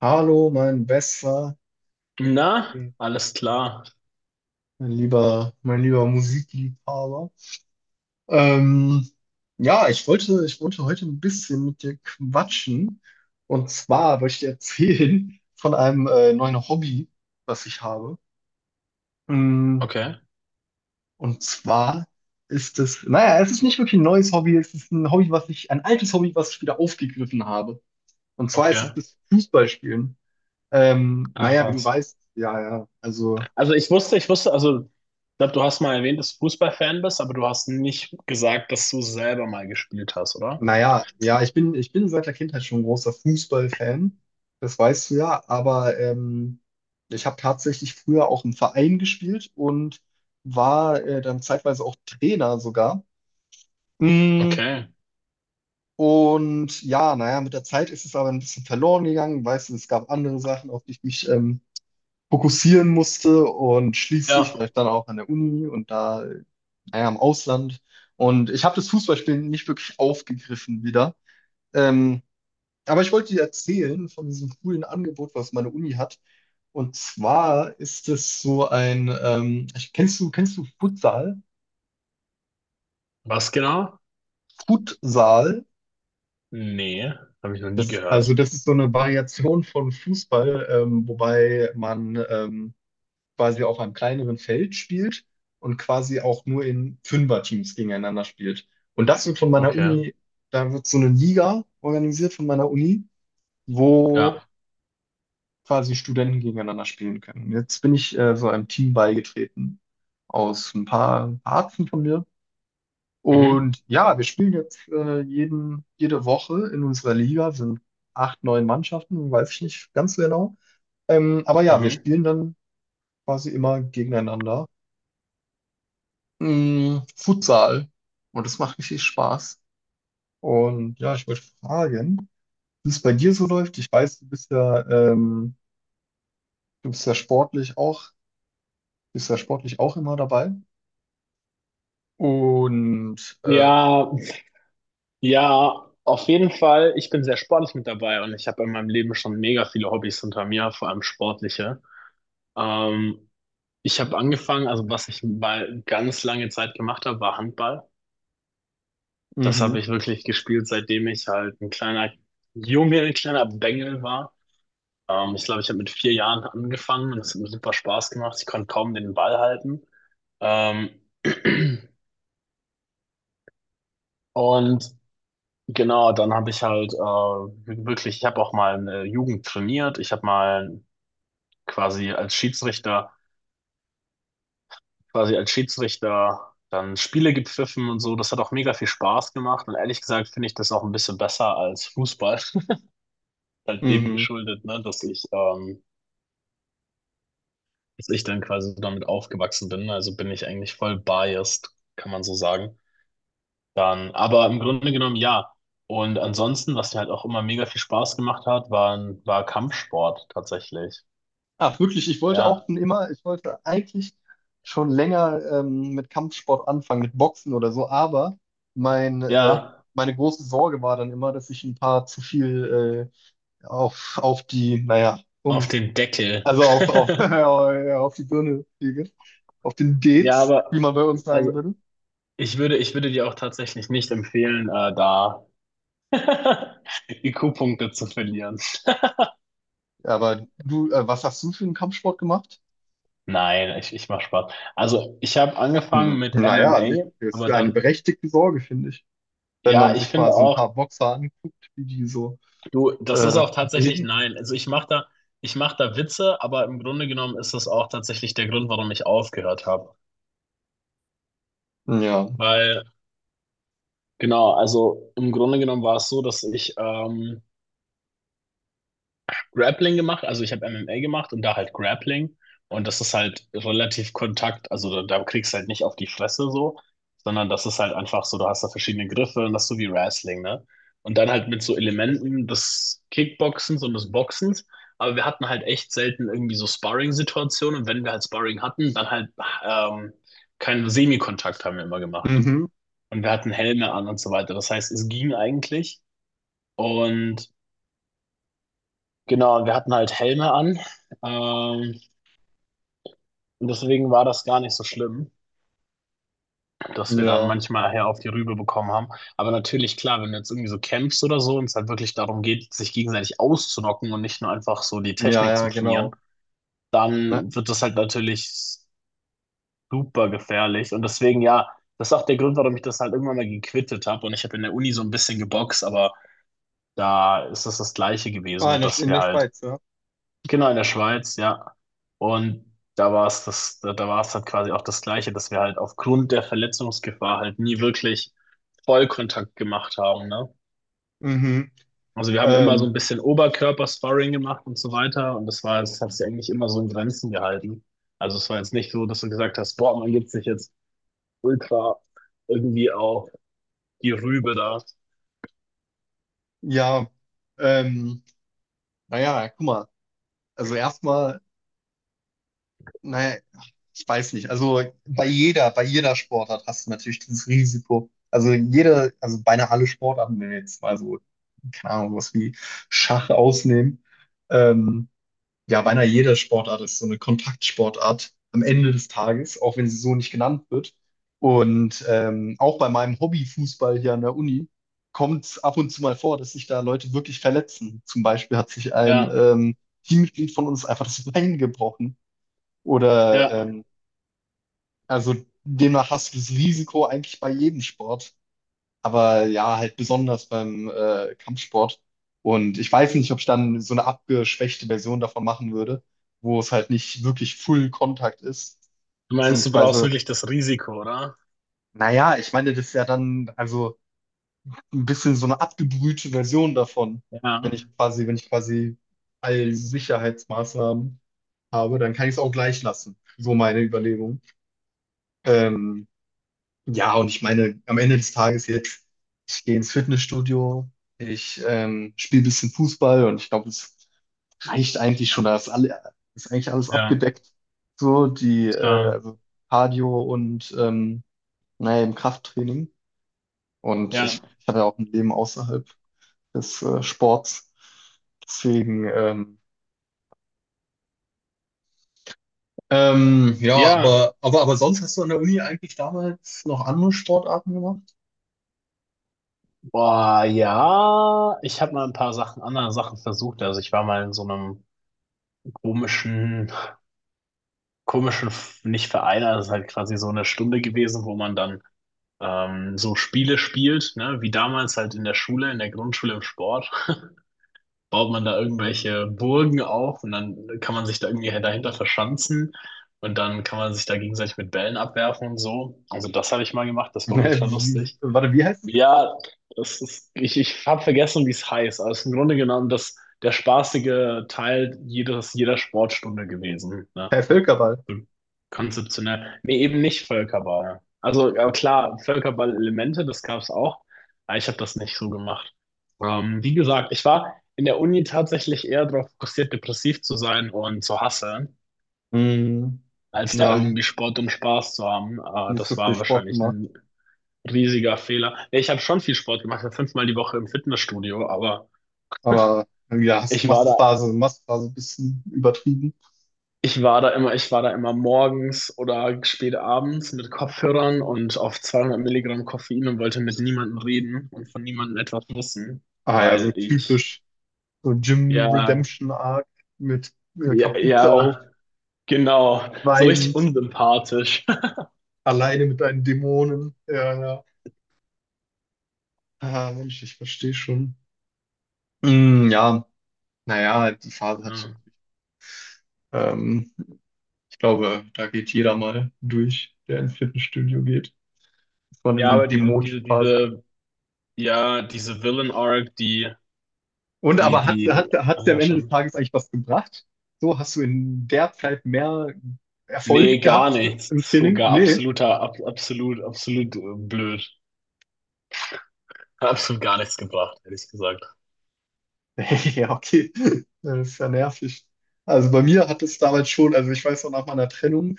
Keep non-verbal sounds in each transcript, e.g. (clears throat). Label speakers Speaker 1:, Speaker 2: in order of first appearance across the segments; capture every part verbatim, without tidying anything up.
Speaker 1: Hallo, mein bester,
Speaker 2: Na,
Speaker 1: mein
Speaker 2: alles klar.
Speaker 1: lieber, mein lieber Musikliebhaber. Ähm, ja, ich wollte, ich wollte heute ein bisschen mit dir quatschen. Und zwar wollte ich dir erzählen von einem äh, neuen Hobby, was ich habe. Mm.
Speaker 2: Okay,
Speaker 1: Und zwar ist es, naja, es ist nicht wirklich ein neues Hobby, es ist ein Hobby, was ich, ein altes Hobby, was ich wieder aufgegriffen habe. Und zwar ist
Speaker 2: okay.
Speaker 1: es das Fußballspielen. Ähm,
Speaker 2: Ach
Speaker 1: naja, wie du
Speaker 2: was.
Speaker 1: weißt, ja, ja, also.
Speaker 2: Also ich wusste, ich wusste, also ich glaube, du hast mal erwähnt, dass du Fußballfan bist, aber du hast nicht gesagt, dass du selber mal gespielt hast, oder?
Speaker 1: Naja, ja, ich bin, ich bin seit der Kindheit schon ein großer Fußballfan. Das weißt du ja, aber ähm, ich habe tatsächlich früher auch im Verein gespielt und war äh, dann zeitweise auch Trainer sogar. Mm.
Speaker 2: Okay.
Speaker 1: Und ja, naja, mit der Zeit ist es aber ein bisschen verloren gegangen. Weißt du, es gab andere Sachen, auf die ich mich ähm, fokussieren musste und schließlich
Speaker 2: Ja.
Speaker 1: vielleicht dann auch an der Uni und da, äh, naja, im Ausland. Und ich habe das Fußballspielen nicht wirklich aufgegriffen wieder. Ähm, Aber ich wollte dir erzählen von diesem coolen Angebot, was meine Uni hat. Und zwar ist es so ein, ähm, ich- kennst du, kennst du Futsal?
Speaker 2: Was genau?
Speaker 1: Futsal?
Speaker 2: Nee, habe ich noch nie
Speaker 1: Das, also
Speaker 2: gehört.
Speaker 1: das ist so eine Variation von Fußball, ähm, wobei man ähm, quasi auf einem kleineren Feld spielt und quasi auch nur in Fünferteams gegeneinander spielt. Und das wird von meiner
Speaker 2: Okay.
Speaker 1: Uni, da wird so eine Liga organisiert von meiner Uni, wo
Speaker 2: Ja.
Speaker 1: quasi Studenten gegeneinander spielen können. Jetzt bin ich äh, so einem Team beigetreten aus ein paar Ärzten von mir.
Speaker 2: Mhm.
Speaker 1: Und ja, wir spielen jetzt äh, jeden, jede Woche in unserer Liga, sind acht, neun Mannschaften, weiß ich nicht ganz so genau. Ähm, aber ja, wir
Speaker 2: Mhm.
Speaker 1: spielen dann quasi immer gegeneinander. Mm, Futsal. Und das macht richtig Spaß. Und ja, ich wollte fragen, wie es bei dir so läuft. Ich weiß, du bist ja, ähm, du bist ja sportlich auch, bist ja sportlich auch immer dabei. Und äh,
Speaker 2: Ja, ja, auf jeden Fall. Ich bin sehr sportlich mit dabei und ich habe in meinem Leben schon mega viele Hobbys hinter mir, vor allem sportliche. Ähm, Ich habe angefangen, also was ich mal ganz lange Zeit gemacht habe, war Handball. Das
Speaker 1: mhm.
Speaker 2: habe ich wirklich gespielt, seitdem ich halt ein kleiner Junge, ein kleiner Bengel war. Ähm, ich glaube, ich habe mit vier Jahren angefangen und es hat mir super Spaß gemacht. Ich konnte kaum den Ball halten. Ähm, (clears throat) und genau, dann habe ich halt äh, wirklich, ich habe auch mal eine Jugend trainiert. Ich habe mal quasi als Schiedsrichter quasi als Schiedsrichter dann Spiele gepfiffen und so. Das hat auch mega viel Spaß gemacht. Und ehrlich gesagt finde ich das auch ein bisschen besser als Fußball. (laughs) Halt dem
Speaker 1: Mhm.
Speaker 2: geschuldet, ne, dass ich, ähm, dass ich dann quasi damit aufgewachsen bin. Also bin ich eigentlich voll biased, kann man so sagen. Dann, aber im Grunde genommen ja. Und ansonsten, was mir halt auch immer mega viel Spaß gemacht hat, waren, war Kampfsport tatsächlich.
Speaker 1: Ach wirklich, ich wollte auch
Speaker 2: Ja,
Speaker 1: schon immer, ich wollte eigentlich schon länger ähm, mit Kampfsport anfangen, mit Boxen oder so, aber mein, äh,
Speaker 2: ja,
Speaker 1: meine große Sorge war dann immer, dass ich ein paar zu viel äh, auf, auf die, naja,
Speaker 2: auf
Speaker 1: ums,
Speaker 2: den Deckel.
Speaker 1: also auf, auf, (laughs) auf die Birne kriege, auf den
Speaker 2: Ja,
Speaker 1: Dates, wie
Speaker 2: aber
Speaker 1: man bei uns
Speaker 2: also
Speaker 1: sagen würde.
Speaker 2: Ich würde, ich würde dir auch tatsächlich nicht empfehlen, äh, da (laughs) I Q-Punkte zu verlieren. (laughs)
Speaker 1: Aber du, äh, was hast du für einen Kampfsport gemacht?
Speaker 2: Nein, ich, ich mache Spaß. Also, ich habe angefangen
Speaker 1: Hm,
Speaker 2: mit
Speaker 1: naja, also ich,
Speaker 2: M M A,
Speaker 1: das ist
Speaker 2: aber
Speaker 1: eine
Speaker 2: dann,
Speaker 1: berechtigte Sorge, finde ich. Wenn
Speaker 2: ja,
Speaker 1: man
Speaker 2: ich
Speaker 1: sich mal
Speaker 2: finde
Speaker 1: so ein
Speaker 2: auch,
Speaker 1: paar Boxer anguckt, wie die so
Speaker 2: du, das ist
Speaker 1: äh,
Speaker 2: auch tatsächlich
Speaker 1: reden.
Speaker 2: nein. Also, ich mache da, ich mache da Witze, aber im Grunde genommen ist das auch tatsächlich der Grund, warum ich aufgehört habe.
Speaker 1: Ja.
Speaker 2: Weil, genau, also im Grunde genommen war es so, dass ich ähm, Grappling gemacht, also ich habe M M A gemacht und da halt Grappling. Und das ist halt relativ Kontakt, also da, da kriegst du halt nicht auf die Fresse so, sondern das ist halt einfach so, du hast da verschiedene Griffe und das ist so wie Wrestling, ne? Und dann halt mit so Elementen des Kickboxens und des Boxens. Aber wir hatten halt echt selten irgendwie so Sparring-Situationen. Und wenn wir halt Sparring hatten, dann halt ähm, keinen Semikontakt haben wir immer gemacht.
Speaker 1: Mhm.
Speaker 2: Und wir hatten Helme an und so weiter. Das heißt, es ging eigentlich. Und genau, und wir hatten halt Helme an. Ähm, und deswegen war das gar nicht so schlimm, dass wir dann
Speaker 1: Ja.
Speaker 2: manchmal her auf die Rübe bekommen haben. Aber natürlich, klar, wenn du jetzt irgendwie so campst oder so und es halt wirklich darum geht, sich gegenseitig auszunocken und nicht nur einfach so die
Speaker 1: Ja,
Speaker 2: Technik zu
Speaker 1: ja,
Speaker 2: trainieren,
Speaker 1: genau. Ne?
Speaker 2: dann wird das halt natürlich super gefährlich. Und deswegen, ja, das ist auch der Grund, warum ich das halt irgendwann mal gequittet habe. Und ich habe in der Uni so ein bisschen geboxt, aber da ist es das Gleiche
Speaker 1: Ah,
Speaker 2: gewesen,
Speaker 1: in der,
Speaker 2: dass
Speaker 1: in
Speaker 2: wir
Speaker 1: der
Speaker 2: halt
Speaker 1: Schweiz, ja.
Speaker 2: genau, in der Schweiz, ja. Und da war es das, da, da war es halt quasi auch das Gleiche, dass wir halt aufgrund der Verletzungsgefahr halt nie wirklich Vollkontakt gemacht haben, ne?
Speaker 1: Mhm.
Speaker 2: Also wir haben immer so
Speaker 1: Ähm,
Speaker 2: ein bisschen Oberkörper-Sparring gemacht und so weiter und das war, das hat sich eigentlich immer so in Grenzen gehalten. Also es war jetzt nicht so, dass du gesagt hast, boah, man gibt sich jetzt ultra irgendwie auf die Rübe da.
Speaker 1: ja. Ähm, naja, guck mal. Also erstmal, naja, ich weiß nicht. Also bei jeder, bei jeder Sportart hast du natürlich dieses Risiko. Also jede, also beinahe alle Sportarten, wenn wir jetzt mal so, keine Ahnung, was wie Schach ausnehmen. Ähm, ja, beinahe jede Sportart ist so eine Kontaktsportart am Ende des Tages, auch wenn sie so nicht genannt wird. Und ähm, auch bei meinem Hobbyfußball hier an der Uni kommt es ab und zu mal vor, dass sich da Leute wirklich verletzen. Zum Beispiel hat sich ein
Speaker 2: Ja,
Speaker 1: ähm, Teammitglied von uns einfach das Bein gebrochen. Oder
Speaker 2: ja.
Speaker 1: ähm, also demnach hast du das Risiko eigentlich bei jedem Sport, aber ja, halt besonders beim äh, Kampfsport. Und ich weiß nicht, ob ich dann so eine abgeschwächte Version davon machen würde, wo es halt nicht wirklich Full Contact ist.
Speaker 2: Du meinst, du brauchst
Speaker 1: Beziehungsweise,
Speaker 2: wirklich das Risiko, oder?
Speaker 1: naja, ich meine, das ist ja dann also ein bisschen so eine abgebrühte Version davon. Wenn
Speaker 2: Ja,
Speaker 1: ich quasi, wenn ich quasi all Sicherheitsmaßnahmen habe, dann kann ich es auch gleich lassen. So meine Überlegung. Ähm, Ja, und ich meine, am Ende des Tages jetzt, ich gehe ins Fitnessstudio, ich ähm, spiele ein bisschen Fußball und ich glaube, es reicht eigentlich schon. Da ist, alle, ist eigentlich alles
Speaker 2: ja,
Speaker 1: abgedeckt. So, die äh,
Speaker 2: klar.
Speaker 1: also Cardio und ähm, naja, im Krafttraining. Und
Speaker 2: Ja.
Speaker 1: ich, ich habe ja auch ein Leben außerhalb des äh, Sports. Deswegen, ähm, ähm, ja,
Speaker 2: Ja,
Speaker 1: aber, aber, aber sonst hast du an der Uni eigentlich damals noch andere Sportarten gemacht?
Speaker 2: boah, ja, ich habe mal ein paar Sachen, andere Sachen versucht. Also ich war mal in so einem komischen, komischen, nicht Verein, also es ist halt quasi so eine Stunde gewesen, wo man dann ähm, so Spiele spielt, ne? Wie damals halt in der Schule, in der Grundschule im Sport, baut man da irgendwelche Burgen auf und dann kann man sich da irgendwie dahinter verschanzen und dann kann man sich da gegenseitig mit Bällen abwerfen und so. Also das habe ich mal gemacht, das war
Speaker 1: (laughs)
Speaker 2: ultra
Speaker 1: Wie,
Speaker 2: lustig.
Speaker 1: warte, wie heißt es?
Speaker 2: Ja, das ist, ich, ich habe vergessen, wie es heißt. Also im Grunde genommen das, der spaßige Teil jedes, jeder Sportstunde gewesen. Ne?
Speaker 1: Herr Völkerball.
Speaker 2: So konzeptionell. Nee, eben nicht Völkerball. Also ja, klar, Völkerball-Elemente, das gab es auch, aber ich habe das nicht so gemacht. Ähm, wie gesagt, ich war in der Uni tatsächlich eher darauf fokussiert, depressiv zu sein und zu hasseln,
Speaker 1: Hm,
Speaker 2: als da
Speaker 1: ja,
Speaker 2: irgendwie Sport und Spaß zu haben. Äh,
Speaker 1: nicht so
Speaker 2: das
Speaker 1: viel
Speaker 2: war
Speaker 1: Sport
Speaker 2: wahrscheinlich
Speaker 1: gemacht.
Speaker 2: ein riesiger Fehler. Ja, ich habe schon viel Sport gemacht, ich war fünfmal die Woche im Fitnessstudio, aber
Speaker 1: Aber ja, hast
Speaker 2: ich war da,
Speaker 1: Massephase, Massephase ein bisschen übertrieben.
Speaker 2: ich war da immer, ich war da immer morgens oder spät abends mit Kopfhörern und auf zweihundert Milligramm Koffein und wollte mit niemandem reden und von niemandem etwas wissen,
Speaker 1: Ah ja, so
Speaker 2: weil ich,
Speaker 1: typisch, so Jim
Speaker 2: ja,
Speaker 1: Redemption Arc mit äh,
Speaker 2: ja,
Speaker 1: Kapuze auf,
Speaker 2: ja, genau, so richtig
Speaker 1: schweigend,
Speaker 2: unsympathisch. (laughs)
Speaker 1: alleine mit deinen Dämonen. Ja, ja. Ah, Mensch, ich verstehe schon. Hm, ja, naja, die Phase hatte ich
Speaker 2: Ja,
Speaker 1: natürlich. Ähm, ich glaube, da geht jeder mal durch, der ins Fitnessstudio geht. Das war
Speaker 2: ja,
Speaker 1: eine
Speaker 2: aber diese,
Speaker 1: dämonische
Speaker 2: diese,
Speaker 1: Phase.
Speaker 2: diese, ja, diese Villain-Arc, die,
Speaker 1: Und
Speaker 2: die,
Speaker 1: aber hat hat
Speaker 2: die,
Speaker 1: hat's
Speaker 2: ach
Speaker 1: dir am
Speaker 2: ja,
Speaker 1: Ende des
Speaker 2: schon.
Speaker 1: Tages eigentlich was gebracht? So, hast du in der Zeit mehr
Speaker 2: Nee,
Speaker 1: Erfolg
Speaker 2: gar
Speaker 1: gehabt
Speaker 2: nichts.
Speaker 1: im
Speaker 2: Das ist
Speaker 1: Training?
Speaker 2: sogar
Speaker 1: Nee.
Speaker 2: absoluter, ab, absolut, absolut äh, blöd. Hat absolut gar nichts gebracht, ehrlich gesagt.
Speaker 1: (laughs) Ja, okay. Das ist ja nervig. Also bei mir hat es damals schon, also ich weiß noch, nach meiner Trennung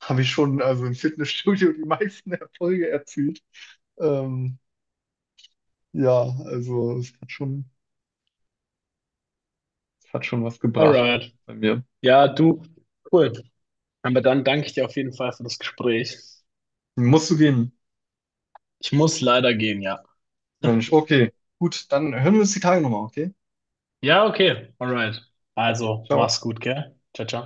Speaker 1: habe ich schon also im Fitnessstudio die meisten (laughs) Erfolge erzielt. Ähm, ja, also es hat schon, es hat schon was gebracht
Speaker 2: Alright.
Speaker 1: bei mir.
Speaker 2: Ja, du, cool. Aber dann danke ich dir auf jeden Fall für das Gespräch.
Speaker 1: Musst du gehen,
Speaker 2: Ich muss leider gehen, ja.
Speaker 1: Mensch. Okay, gut, dann hören wir uns die Tage nochmal, okay?
Speaker 2: Ja, okay. Alright.
Speaker 1: Okay.
Speaker 2: Also,
Speaker 1: Ciao.
Speaker 2: mach's gut, gell? Ciao, ciao.